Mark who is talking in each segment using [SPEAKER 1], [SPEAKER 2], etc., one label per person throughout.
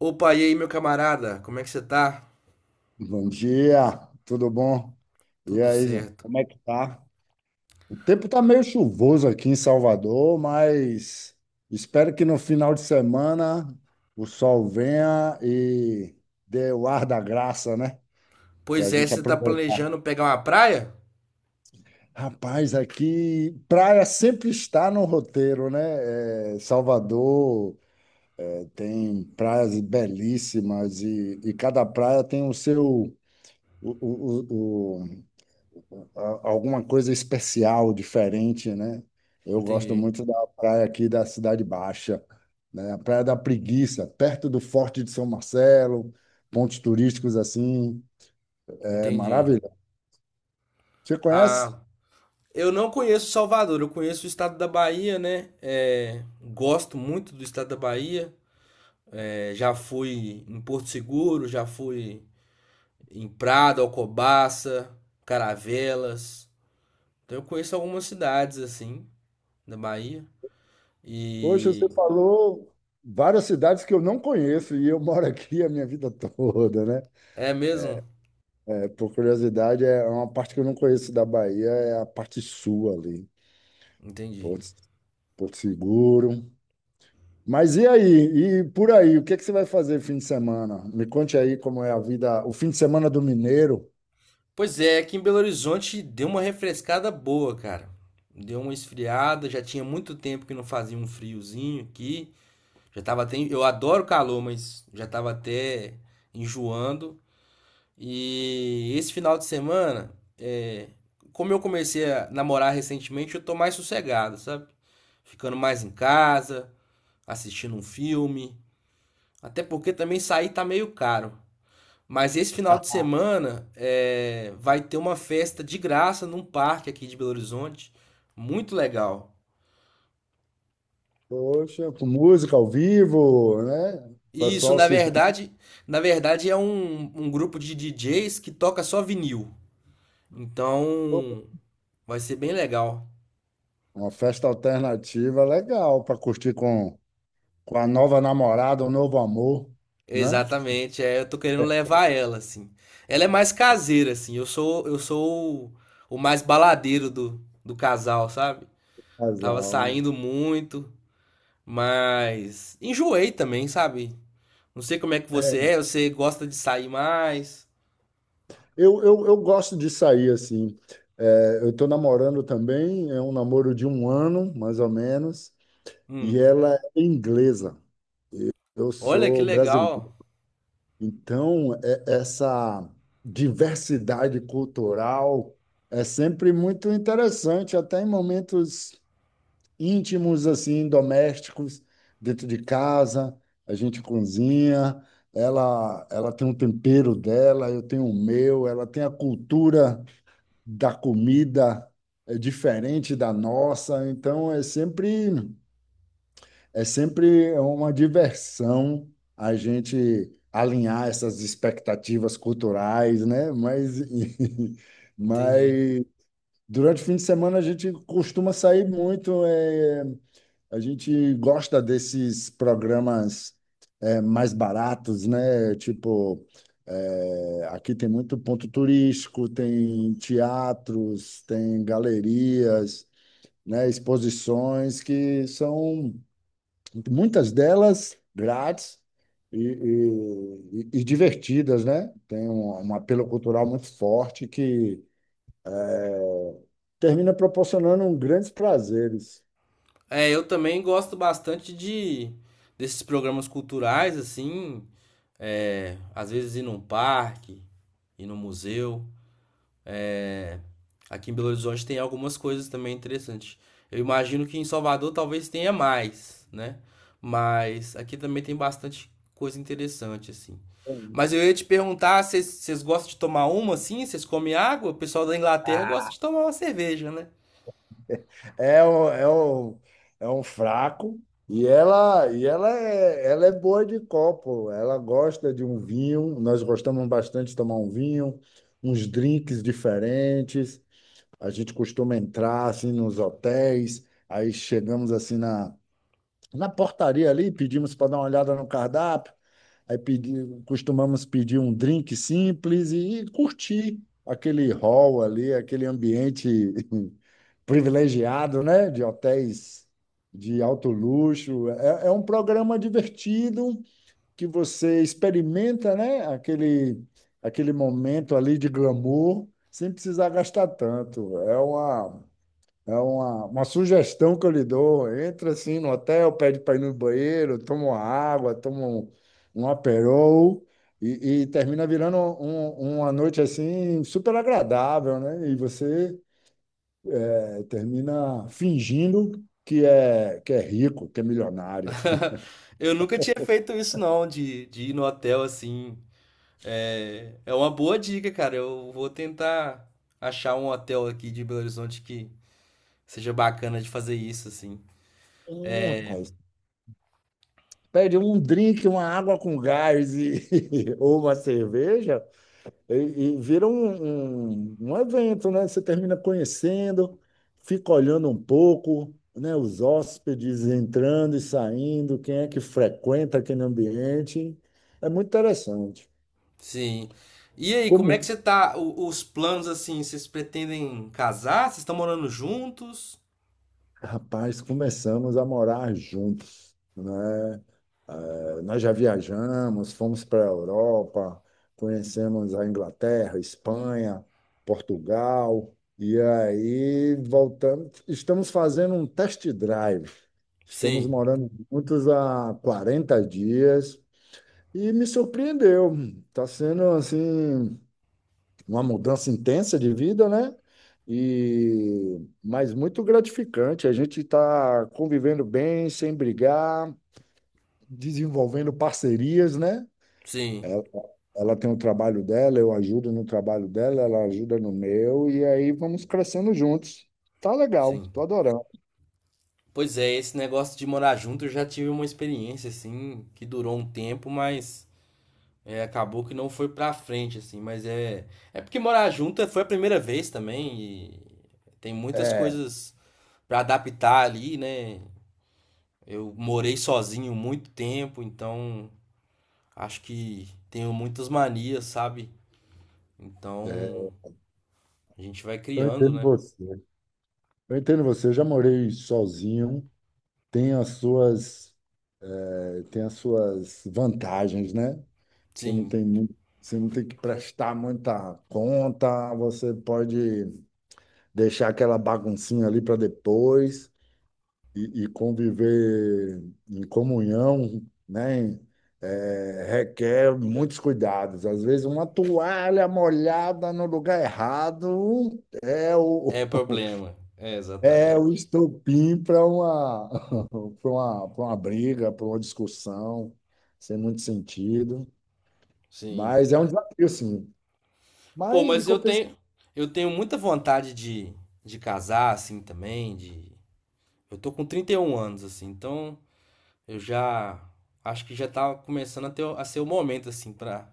[SPEAKER 1] Opa, e aí, meu camarada? Como é que você tá?
[SPEAKER 2] Bom dia, tudo bom? E
[SPEAKER 1] Tudo
[SPEAKER 2] aí, gente,
[SPEAKER 1] certo.
[SPEAKER 2] como é que tá? O tempo tá meio chuvoso aqui em Salvador, mas espero que no final de semana o sol venha e dê o ar da graça, né? Pra
[SPEAKER 1] Pois é,
[SPEAKER 2] gente
[SPEAKER 1] você tá
[SPEAKER 2] aproveitar.
[SPEAKER 1] planejando pegar uma praia?
[SPEAKER 2] Rapaz, aqui praia sempre está no roteiro, né? É, Salvador tem praias belíssimas e cada praia tem o seu o- a- alguma coisa especial, diferente, né? Eu gosto
[SPEAKER 1] Entendi,
[SPEAKER 2] muito da praia aqui da Cidade Baixa, né? A Praia da Preguiça, perto do Forte de São Marcelo, pontos turísticos assim, é
[SPEAKER 1] entendi.
[SPEAKER 2] maravilhoso. Você
[SPEAKER 1] Ah,
[SPEAKER 2] conhece?
[SPEAKER 1] eu não conheço Salvador, eu conheço o estado da Bahia, né? É, gosto muito do estado da Bahia. É, já fui em Porto Seguro, já fui em Prado, Alcobaça, Caravelas. Então eu conheço algumas cidades assim da Bahia.
[SPEAKER 2] Poxa, você
[SPEAKER 1] E
[SPEAKER 2] falou várias cidades que eu não conheço e eu moro aqui a minha vida toda, né?
[SPEAKER 1] é mesmo?
[SPEAKER 2] É, por curiosidade, é uma parte que eu não conheço da Bahia, é a parte sul ali,
[SPEAKER 1] Entendi.
[SPEAKER 2] Porto, Porto Seguro. Mas e aí? E por aí, o que é que você vai fazer fim de semana? Me conte aí como é a vida, o fim de semana do mineiro.
[SPEAKER 1] Pois é, aqui em Belo Horizonte deu uma refrescada boa, cara. Deu uma esfriada, já tinha muito tempo que não fazia um friozinho aqui. Já tava até, eu adoro calor, mas já tava até enjoando. E esse final de semana, é, como eu comecei a namorar recentemente, eu tô mais sossegado, sabe? Ficando mais em casa, assistindo um filme. Até porque também sair tá meio caro. Mas esse final de semana é, vai ter uma festa de graça num parque aqui de Belo Horizonte, muito legal.
[SPEAKER 2] Poxa, com música ao vivo, né? O
[SPEAKER 1] E isso,
[SPEAKER 2] pessoal
[SPEAKER 1] na
[SPEAKER 2] se
[SPEAKER 1] verdade, na verdade é um grupo de DJs que toca só vinil. Então, vai ser bem legal.
[SPEAKER 2] uma festa alternativa legal para curtir com a nova namorada, o novo amor, né?
[SPEAKER 1] Exatamente, é, eu tô querendo levar ela assim. Ela é mais caseira assim. Eu sou o mais baladeiro do casal, sabe? Tava
[SPEAKER 2] Casal, né?
[SPEAKER 1] saindo muito, mas enjoei também, sabe? Não sei como é que você é, você gosta de sair mais.
[SPEAKER 2] Eu gosto de sair assim. É, eu estou namorando também, é um namoro de um ano, mais ou menos, e
[SPEAKER 1] Hum,
[SPEAKER 2] ela é inglesa. Eu
[SPEAKER 1] olha que
[SPEAKER 2] sou brasileiro.
[SPEAKER 1] legal.
[SPEAKER 2] Então, essa diversidade cultural é sempre muito interessante, até em momentos íntimos, assim, domésticos, dentro de casa, a gente cozinha, ela tem um tempero dela, eu tenho o meu, ela tem a cultura da comida é diferente da nossa, então é sempre uma diversão a gente alinhar essas expectativas culturais, né?
[SPEAKER 1] Entendi.
[SPEAKER 2] Mas durante o fim de semana a gente costuma sair muito. A gente gosta desses programas mais baratos, né? Tipo, aqui tem muito ponto turístico, tem teatros, tem galerias, né? Exposições que são muitas delas grátis e, e divertidas, né? Tem um apelo cultural muito forte que termina proporcionando um grandes prazeres.
[SPEAKER 1] É, eu também gosto bastante de desses programas culturais, assim. É, às vezes ir num parque, ir no museu. É. Aqui em Belo Horizonte tem algumas coisas também interessantes. Eu imagino que em Salvador talvez tenha mais, né? Mas aqui também tem bastante coisa interessante, assim. Mas eu ia te perguntar, se vocês gostam de tomar uma assim? Vocês comem água? O pessoal da Inglaterra gosta de tomar uma cerveja, né?
[SPEAKER 2] É, o- é, o- é um fraco e ela é boa de copo. Ela gosta de um vinho. Nós gostamos bastante de tomar um vinho, uns drinks diferentes. A gente costuma entrar assim nos hotéis. Aí chegamos assim na portaria ali, pedimos para dar uma olhada no cardápio, aí pedi, costumamos pedir um drink simples e curtir aquele hall ali, aquele ambiente privilegiado, né? De hotéis de alto luxo. É, é um programa divertido que você experimenta, né? Aquele, aquele momento ali de glamour sem precisar gastar tanto. É uma sugestão que eu lhe dou. Entra assim no hotel, pede para ir no banheiro, toma uma água, toma um Aperol e termina virando uma noite assim super agradável, né? E você termina fingindo que é rico, que é milionário.
[SPEAKER 1] Eu nunca tinha feito isso, não, de ir no hotel assim. É, é uma boa dica, cara. Eu vou tentar achar um hotel aqui de Belo Horizonte que seja bacana de fazer isso, assim.
[SPEAKER 2] É, rapaz. Pede um drink, uma água com gás ou uma cerveja. E, e vira um evento, né? Você termina conhecendo, fica olhando um pouco, né? Os hóspedes entrando e saindo, quem é que frequenta aquele ambiente. É muito interessante.
[SPEAKER 1] Sim. E aí, como é que
[SPEAKER 2] Como,
[SPEAKER 1] você tá? Os planos assim, vocês pretendem casar? Vocês estão morando juntos?
[SPEAKER 2] Rapaz, começamos a morar juntos, né? Nós já viajamos, fomos para a Europa, conhecemos a Inglaterra, Espanha, Portugal, e aí voltamos. Estamos fazendo um test drive. Estamos
[SPEAKER 1] Sim,
[SPEAKER 2] morando juntos há 40 dias e me surpreendeu. Está sendo assim uma mudança intensa de vida, né? E mas muito gratificante. A gente está convivendo bem, sem brigar, desenvolvendo parcerias, né?
[SPEAKER 1] sim,
[SPEAKER 2] Ela, ela tem o trabalho dela, eu ajudo no trabalho dela, ela ajuda no meu, e aí vamos crescendo juntos. Tá legal,
[SPEAKER 1] sim.
[SPEAKER 2] tô adorando.
[SPEAKER 1] Pois é, esse negócio de morar junto eu já tive uma experiência assim, que durou um tempo, mas é, acabou que não foi pra frente assim, mas é porque morar junto foi a primeira vez também e tem muitas
[SPEAKER 2] É,
[SPEAKER 1] coisas pra adaptar ali, né? Eu morei sozinho muito tempo, então acho que tenho muitas manias, sabe? Então, a gente vai
[SPEAKER 2] eu
[SPEAKER 1] criando,
[SPEAKER 2] entendo
[SPEAKER 1] né?
[SPEAKER 2] você. Eu entendo você. Eu já morei sozinho. Tem as suas Tem as suas vantagens, né? Você não
[SPEAKER 1] Sim,
[SPEAKER 2] tem muito, você não tem que prestar muita conta, você pode deixar aquela baguncinha ali para depois e conviver em comunhão, né? É, requer muitos cuidados. Às vezes uma toalha molhada no lugar errado é o,
[SPEAKER 1] é problema. É,
[SPEAKER 2] é o
[SPEAKER 1] exatamente.
[SPEAKER 2] estopim para uma briga, para uma discussão, sem muito sentido.
[SPEAKER 1] Sim.
[SPEAKER 2] Mas é um desafio, sim.
[SPEAKER 1] Pô,
[SPEAKER 2] Mas em
[SPEAKER 1] mas
[SPEAKER 2] compensação.
[SPEAKER 1] eu tenho muita vontade de casar, assim, também, de... Eu tô com 31 anos, assim, então eu já acho que já tá começando a ter, a ser o momento, assim, pra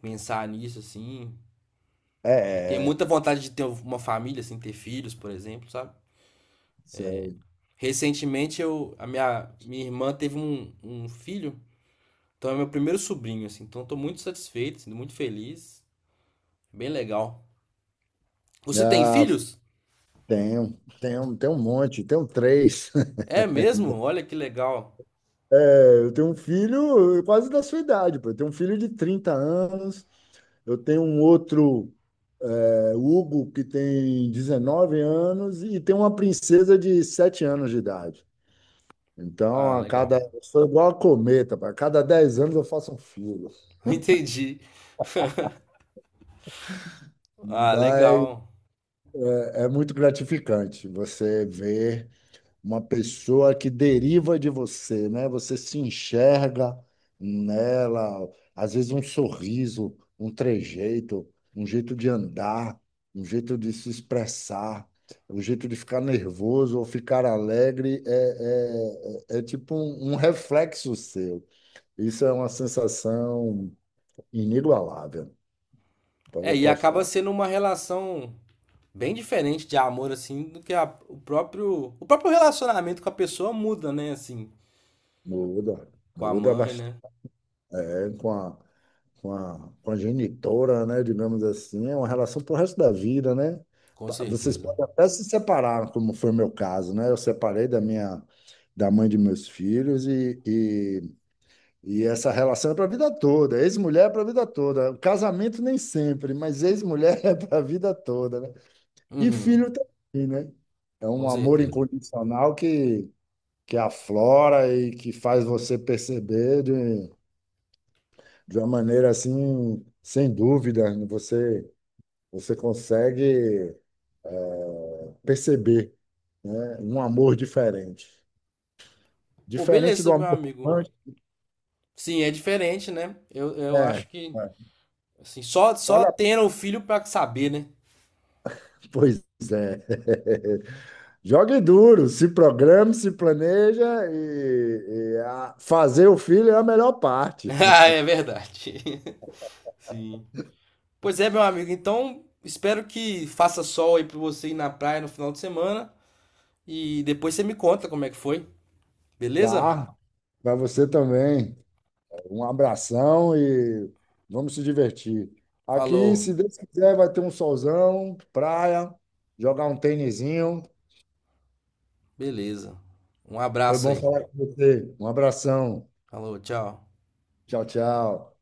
[SPEAKER 1] pensar nisso, assim. Tenho
[SPEAKER 2] É, é,
[SPEAKER 1] muita vontade de ter uma família, assim, ter filhos, por exemplo, sabe?
[SPEAKER 2] sei.
[SPEAKER 1] Recentemente a minha irmã teve um filho. Então é meu primeiro sobrinho, assim. Então estou muito satisfeito, assim, muito feliz. Bem legal. Você tem
[SPEAKER 2] Ah,
[SPEAKER 1] filhos?
[SPEAKER 2] tenho um monte, tenho três.
[SPEAKER 1] É mesmo? Olha que legal.
[SPEAKER 2] É, eu tenho um filho quase da sua idade, pô. Eu tenho um filho de 30 anos, eu tenho um outro, Hugo, que tem 19 anos, e tem uma princesa de 7 anos de idade. Então,
[SPEAKER 1] Ah,
[SPEAKER 2] a
[SPEAKER 1] legal.
[SPEAKER 2] cada. eu sou igual a cometa, pô. A cada 10 anos eu faço um filho.
[SPEAKER 1] Entendi. Ah,
[SPEAKER 2] Mas
[SPEAKER 1] legal.
[SPEAKER 2] é muito gratificante você ver uma pessoa que deriva de você, né? Você se enxerga nela, às vezes um sorriso, um trejeito, um jeito de andar, um jeito de se expressar, um jeito de ficar nervoso ou ficar alegre, tipo um reflexo seu. Isso é uma sensação inigualável, pode
[SPEAKER 1] É, e acaba
[SPEAKER 2] apostar.
[SPEAKER 1] sendo uma relação bem diferente de amor, assim, do que O próprio relacionamento com a pessoa muda, né? Assim,
[SPEAKER 2] Muda,
[SPEAKER 1] com a
[SPEAKER 2] muda
[SPEAKER 1] mãe,
[SPEAKER 2] bastante
[SPEAKER 1] né?
[SPEAKER 2] com a com a genitora, né, digamos assim, é uma relação pro resto da vida, né?
[SPEAKER 1] Com
[SPEAKER 2] Vocês
[SPEAKER 1] certeza.
[SPEAKER 2] podem até se separar, como foi o meu caso, né? Eu separei da mãe de meus filhos e essa relação é para a vida toda, ex-mulher é para a vida toda. O casamento nem sempre, mas ex-mulher é para a vida toda, né? E
[SPEAKER 1] Uhum,
[SPEAKER 2] filho também, né? É
[SPEAKER 1] com
[SPEAKER 2] um amor
[SPEAKER 1] certeza.
[SPEAKER 2] incondicional que aflora e que faz você perceber de uma maneira assim, sem dúvida, você consegue perceber, né, um amor diferente.
[SPEAKER 1] Pô,
[SPEAKER 2] Diferente do
[SPEAKER 1] beleza, meu
[SPEAKER 2] amor
[SPEAKER 1] amigo.
[SPEAKER 2] romântico.
[SPEAKER 1] Sim, é diferente, né? Eu acho
[SPEAKER 2] é,
[SPEAKER 1] que,
[SPEAKER 2] é.
[SPEAKER 1] assim, só
[SPEAKER 2] Vale a-
[SPEAKER 1] tendo o filho pra saber, né?
[SPEAKER 2] Pois é. Jogue duro, se programe, se planeja fazer o filho é a melhor parte,
[SPEAKER 1] Ah, é verdade. Sim. Pois é, meu amigo. Então, espero que faça sol aí pra você ir na praia no final de semana. E depois você me conta como é que foi. Beleza?
[SPEAKER 2] tá? Para você também. Um abração e vamos se divertir. Aqui,
[SPEAKER 1] Falou.
[SPEAKER 2] se Deus quiser, vai ter um solzão, praia, jogar um tênisinho.
[SPEAKER 1] Beleza. Um
[SPEAKER 2] Foi
[SPEAKER 1] abraço
[SPEAKER 2] bom
[SPEAKER 1] aí.
[SPEAKER 2] falar com você. Um abração.
[SPEAKER 1] Falou, tchau.
[SPEAKER 2] Tchau, tchau.